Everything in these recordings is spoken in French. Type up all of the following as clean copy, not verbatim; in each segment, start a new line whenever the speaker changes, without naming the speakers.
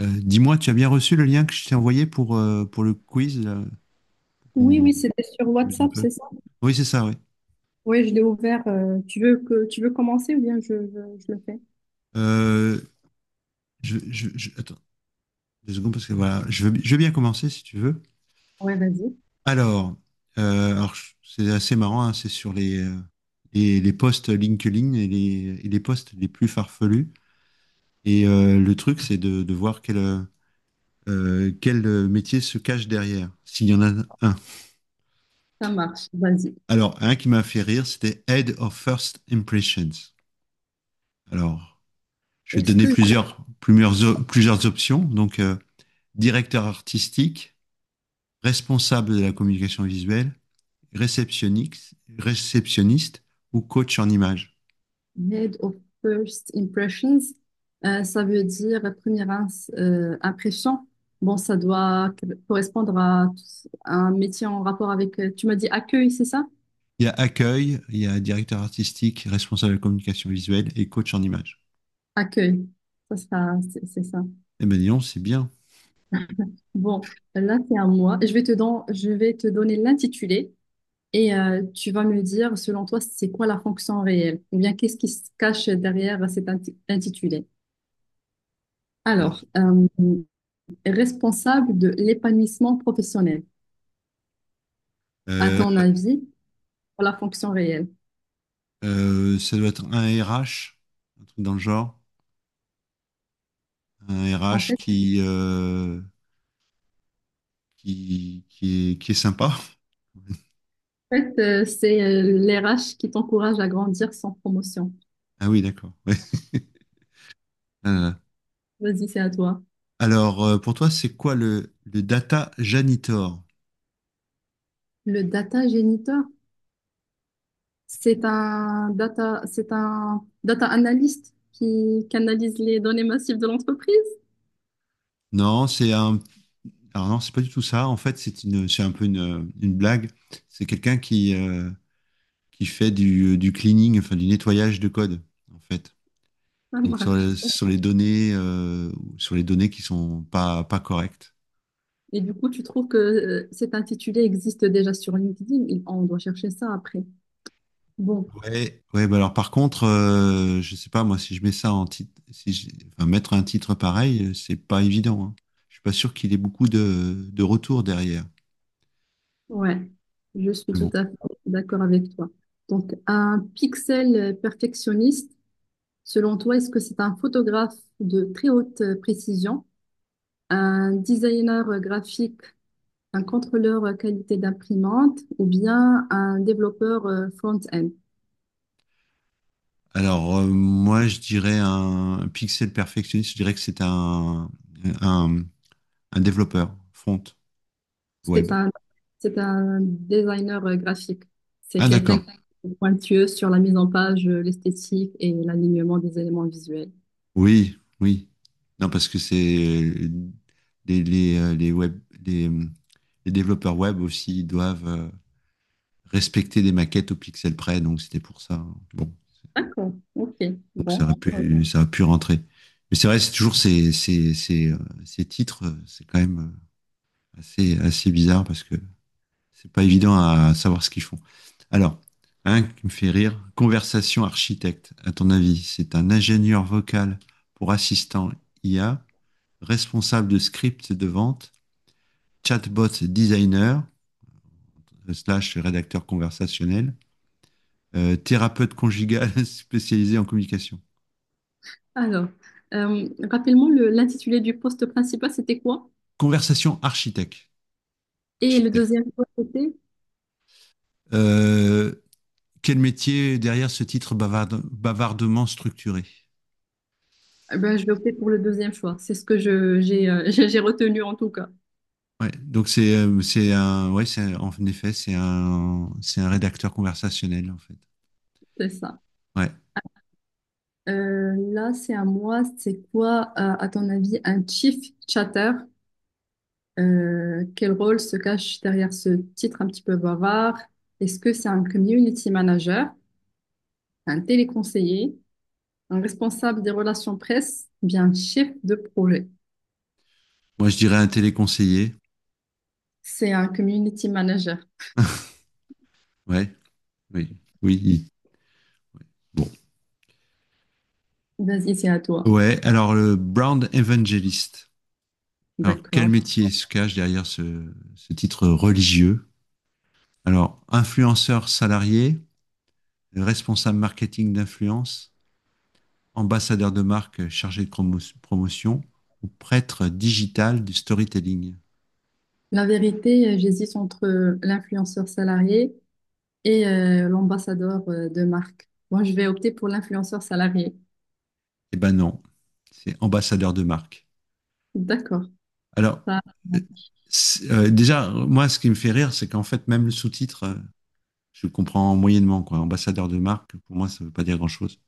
Dis-moi, tu as bien reçu le lien que je t'ai envoyé pour le quiz, là, pour
Oui,
qu'on
oui, c'était sur
amuse un
WhatsApp, c'est
peu.
ça?
Oui, c'est ça, oui.
Oui, je l'ai ouvert. Tu veux commencer ou bien je le fais?
Euh, Attends, 2 secondes, parce que voilà, je veux bien commencer si tu veux.
Ouais, vas-y,
Alors, c'est assez marrant, hein, c'est sur les, les posts LinkedIn et les posts les plus farfelus. Et le truc, c'est de voir quel métier se cache derrière, s'il y en a un.
ça marche, vas-y.
Alors, un qui m'a fait rire, c'était Head of First Impressions. Alors, je vais te
Est-ce
donner
que
plusieurs options. Donc, directeur artistique, responsable de la communication visuelle, réceptionniste ou coach en images.
head of first impressions, ça veut dire impression? Bon, ça doit correspondre à un métier en rapport avec, tu m'as dit accueil, c'est ça?
Il y a accueil, il y a directeur artistique, responsable de la communication visuelle et coach en images.
Accueil, c'est ça.
Eh ben dis c'est bien.
Bon, là, c'est à moi. Je vais te donner l'intitulé. Et tu vas me dire, selon toi, c'est quoi la fonction réelle? Ou bien qu'est-ce qui se cache derrière intitulé?
Oui.
Alors, responsable de l'épanouissement professionnel, à
Euh,
ton avis, pour la fonction réelle?
Ça doit être un RH, un truc dans le genre, un
En
RH
fait,
qui est sympa.
en fait, c'est l'RH qui t'encourage à grandir sans promotion.
Ah oui, d'accord. Ouais. Ah.
Vas-y, c'est à toi.
Pour toi, c'est quoi le data janitor?
Le data géniteur, c'est un data analyst qui canalise les données massives de l'entreprise.
Non, c'est un. Alors non, c'est pas du tout ça. En fait, c'est un peu une blague. C'est quelqu'un qui fait du cleaning, enfin du nettoyage de code, en fait. Sur les données, sur les données qui sont pas correctes.
Et du coup, tu trouves que cet intitulé existe déjà sur LinkedIn? On doit chercher ça après. Bon,
Ouais, ouais. Bah alors par contre, je sais pas moi si je mets ça en titre, si je- enfin, mettre un titre pareil, c'est pas évident, hein. Je suis pas sûr qu'il ait beaucoup de retours derrière.
ouais, je suis tout
Bon.
à fait d'accord avec toi. Donc, un pixel perfectionniste, selon toi, est-ce que c'est un photographe de très haute précision, un designer graphique, un contrôleur qualité d'imprimante ou bien un développeur front-end?
Alors, moi, je dirais un pixel perfectionniste, je dirais que un, un développeur front
C'est
web.
un, c'est un designer graphique. C'est
Ah,
quelqu'un
d'accord.
qui est pointueux sur la mise en page, l'esthétique et l'alignement des éléments visuels.
Oui, oui. Non, parce que c'est euh, les, les, euh, les web, les, euh, les développeurs web aussi ils doivent respecter des maquettes au pixel près, donc c'était pour ça, hein. Bon,
D'accord, ok,
donc ça
bon.
aurait
Oui.
ça aurait pu rentrer. Mais c'est vrai, c'est toujours ces titres, c'est quand même assez, assez bizarre parce que c'est pas évident à savoir ce qu'ils font. Alors, un qui me fait rire, conversation architecte, à ton avis, c'est un ingénieur vocal pour assistant IA, responsable de script de vente, chatbot designer, slash rédacteur conversationnel, thérapeute conjugal spécialisé en communication.
Alors, rapidement, l'intitulé du poste principal, c'était quoi?
Conversation architecte.
Et le
Architecte.
deuxième choix, c'était?
Euh, Quel métier derrière ce titre bavardement structuré.
Eh ben, je vais opter pour le deuxième choix. C'est ce que j'ai, j'ai retenu en tout cas.
Ouais, donc c'est un ouais c'est un- en effet c'est un rédacteur conversationnel en fait.
C'est ça.
Ouais.
Là, c'est à moi. C'est quoi, à ton avis, un chief chatter? Quel rôle se cache derrière ce titre un petit peu bavard? Est-ce que c'est un community manager, un téléconseiller, un responsable des relations presse, ou bien un chef de projet?
Moi je dirais un téléconseiller.
C'est un community manager.
Ouais. Oui. Oui. il- Bon.
Vas-y, c'est à toi.
Ouais. Alors le Brown Evangelist. Alors quel
D'accord.
métier se cache derrière ce titre religieux? Alors influenceur salarié, responsable marketing d'influence, ambassadeur de marque chargé de promotion ou prêtre digital du storytelling?
La vérité, j'hésite entre l'influenceur salarié et l'ambassadeur de marque. Moi, je vais opter pour l'influenceur salarié.
Eh ben non, c'est ambassadeur de marque.
D'accord.
Alors,
Ça,
euh, Déjà, moi, ce qui me fait rire, c'est qu'en fait, même le sous-titre, je le comprends moyennement, quoi. Ambassadeur de marque, pour moi, ça veut pas dire grand-chose.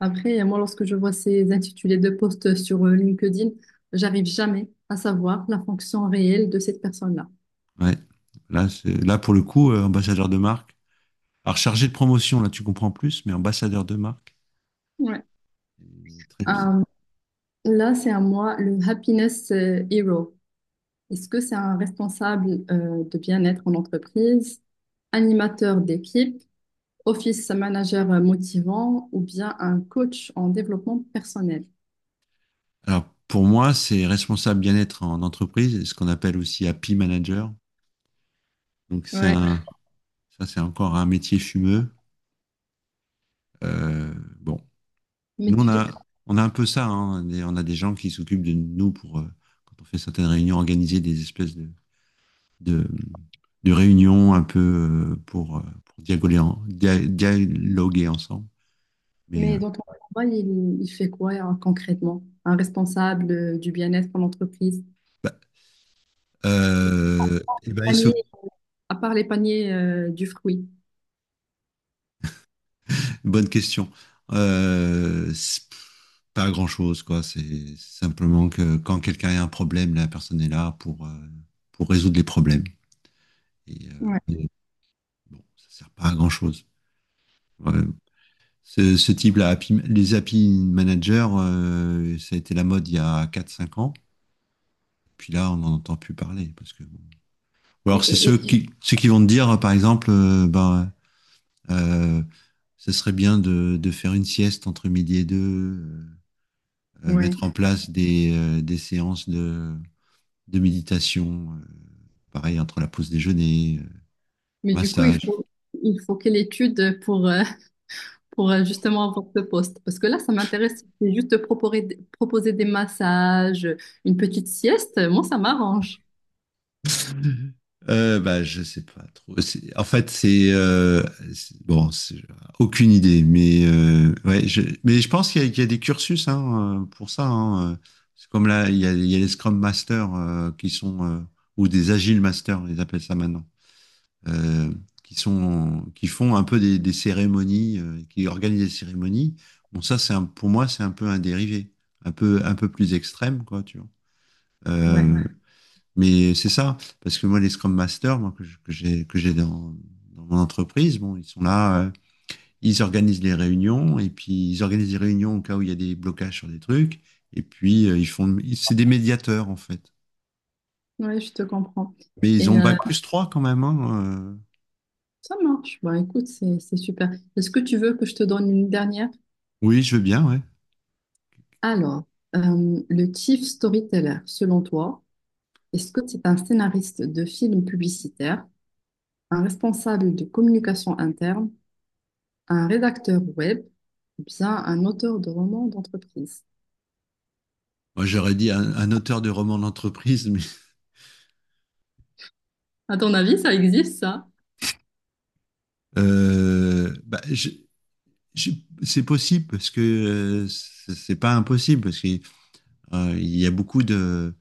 après, moi, lorsque je vois ces intitulés de postes sur LinkedIn, j'arrive jamais à savoir la fonction réelle de cette personne-là.
Ouais. Là, pour le coup, ambassadeur de marque. Alors, chargé de promotion, là, tu comprends plus, mais ambassadeur de marque,
Ouais.
c'est très
Euh,
bizarre.
là, c'est à moi le happiness hero. Est-ce que c'est un responsable de bien-être en entreprise, animateur d'équipe, office manager motivant ou bien un coach en développement personnel?
Alors, pour moi, c'est responsable bien-être en entreprise, ce qu'on appelle aussi happy manager. Donc,
Ouais.
ça, c'est encore un métier fumeux. Euh, bon,
Mais,
nous, on
tu,
on a un peu ça, hein. On a des gens qui s'occupent de nous pour, quand on fait certaines réunions, organiser des espèces de, de réunions un peu pour dialoguer, dialoguer ensemble. Mais,
mais dans ton travail, il fait quoi concrètement? Un responsable du bien-être en entreprise?
bah, ils s'occupent.
À part les paniers du fruit.
Bonne question. C'est pas grand-chose, quoi. C'est simplement que quand quelqu'un a un problème, la personne est là pour résoudre les problèmes. Et,
Ouais.
bon, ça sert pas à grand-chose. Ouais, ce type-là, les happy managers, ça a été la mode il y a 4 5 ans. Puis là, on n'en entend plus parler. Parce que... bon. Ou alors,
Et, et- et-
ceux qui vont te dire, par exemple, ben, euh, ce serait bien de faire une sieste entre midi et deux,
ouais.
mettre en place des séances de méditation, pareil, entre la pause déjeuner,
Mais du coup, il
massage.
faut, il faut quelle étude pour, pour justement avoir ce poste? Parce que là, ça m'intéresse. C'est juste de proposer des massages, une petite sieste. Moi, ça m'arrange.
Bah, je sais pas trop. En fait, bon, aucune idée. Mais ouais, mais je pense qu'il y a des cursus, hein, pour ça, hein, euh. C'est comme là, il y a les Scrum Masters qui sont ou des Agile Masters, ils appellent ça maintenant, euh, qui font un peu des cérémonies, qui organisent des cérémonies. Bon, ça, pour moi, c'est un peu un dérivé, un peu plus extrême, quoi, tu vois.
Ouais,
Euh, mais c'est ça, parce que moi, les Scrum Masters, que j'ai, dans dans mon entreprise, bon, ils sont là, ils organisent les réunions, et puis ils organisent les réunions au cas où il y a des blocages sur des trucs, et puis c'est des médiateurs, en fait.
ouais, je te comprends.
Mais ils ont
Et
bac +3 quand même, hein.
ça marche. Bah, écoute, c'est super. Est-ce que tu veux que je te donne une dernière?
Oui, je veux bien, ouais.
Alors, le chief storyteller, selon toi, est-ce que c'est un scénariste de film publicitaire? Un responsable de communication interne, un rédacteur web ou bien un auteur de romans d'entreprise.
Moi, j'aurais dit un auteur de roman d'entreprise, mais
À ton avis, ça existe ça?
euh, bah, je- je- c'est possible parce que c'est pas impossible parce qu'il y a beaucoup de.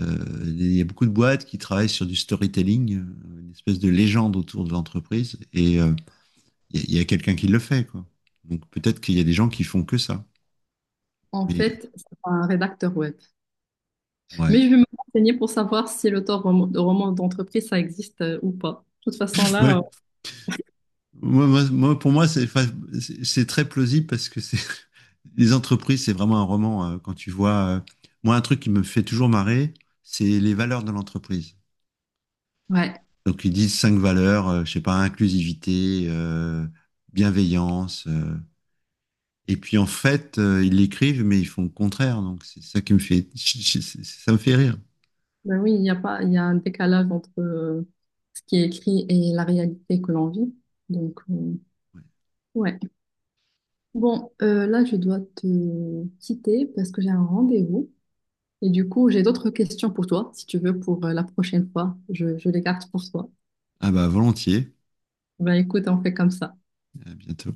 Il y a beaucoup de boîtes qui travaillent sur du storytelling, une espèce de légende autour de l'entreprise, et il y a quelqu'un qui le fait, quoi. Donc peut-être qu'il y a des gens qui font que ça.
En
Mais
fait, c'est pas un rédacteur web.
ouais,
Mais je vais me renseigner pour savoir si de romans d'entreprise, ça existe ou pas. De toute façon,
ouais.
là,
Moi, pour moi, c'est, enfin, c'est très plausible parce que c'est les entreprises, c'est vraiment un roman. Euh, quand tu vois, euh, moi, un truc qui me fait toujours marrer, c'est les valeurs de l'entreprise.
ouais.
Donc ils disent 5 valeurs, je sais pas, inclusivité, bienveillance, et puis en fait, ils l'écrivent, mais ils font le contraire. Donc c'est ça qui me fait, ça me fait rire.
Ben oui, il y a pas, il y a un décalage entre ce qui est écrit et la réalité que l'on vit. Donc,
Ouais.
ouais. Bon, là, je dois te quitter parce que j'ai un rendez-vous. Et du coup, j'ai d'autres questions pour toi, si tu veux, pour la prochaine fois. Je les garde pour toi.
Ah bah volontiers.
Ben écoute, on fait comme ça.
À bientôt.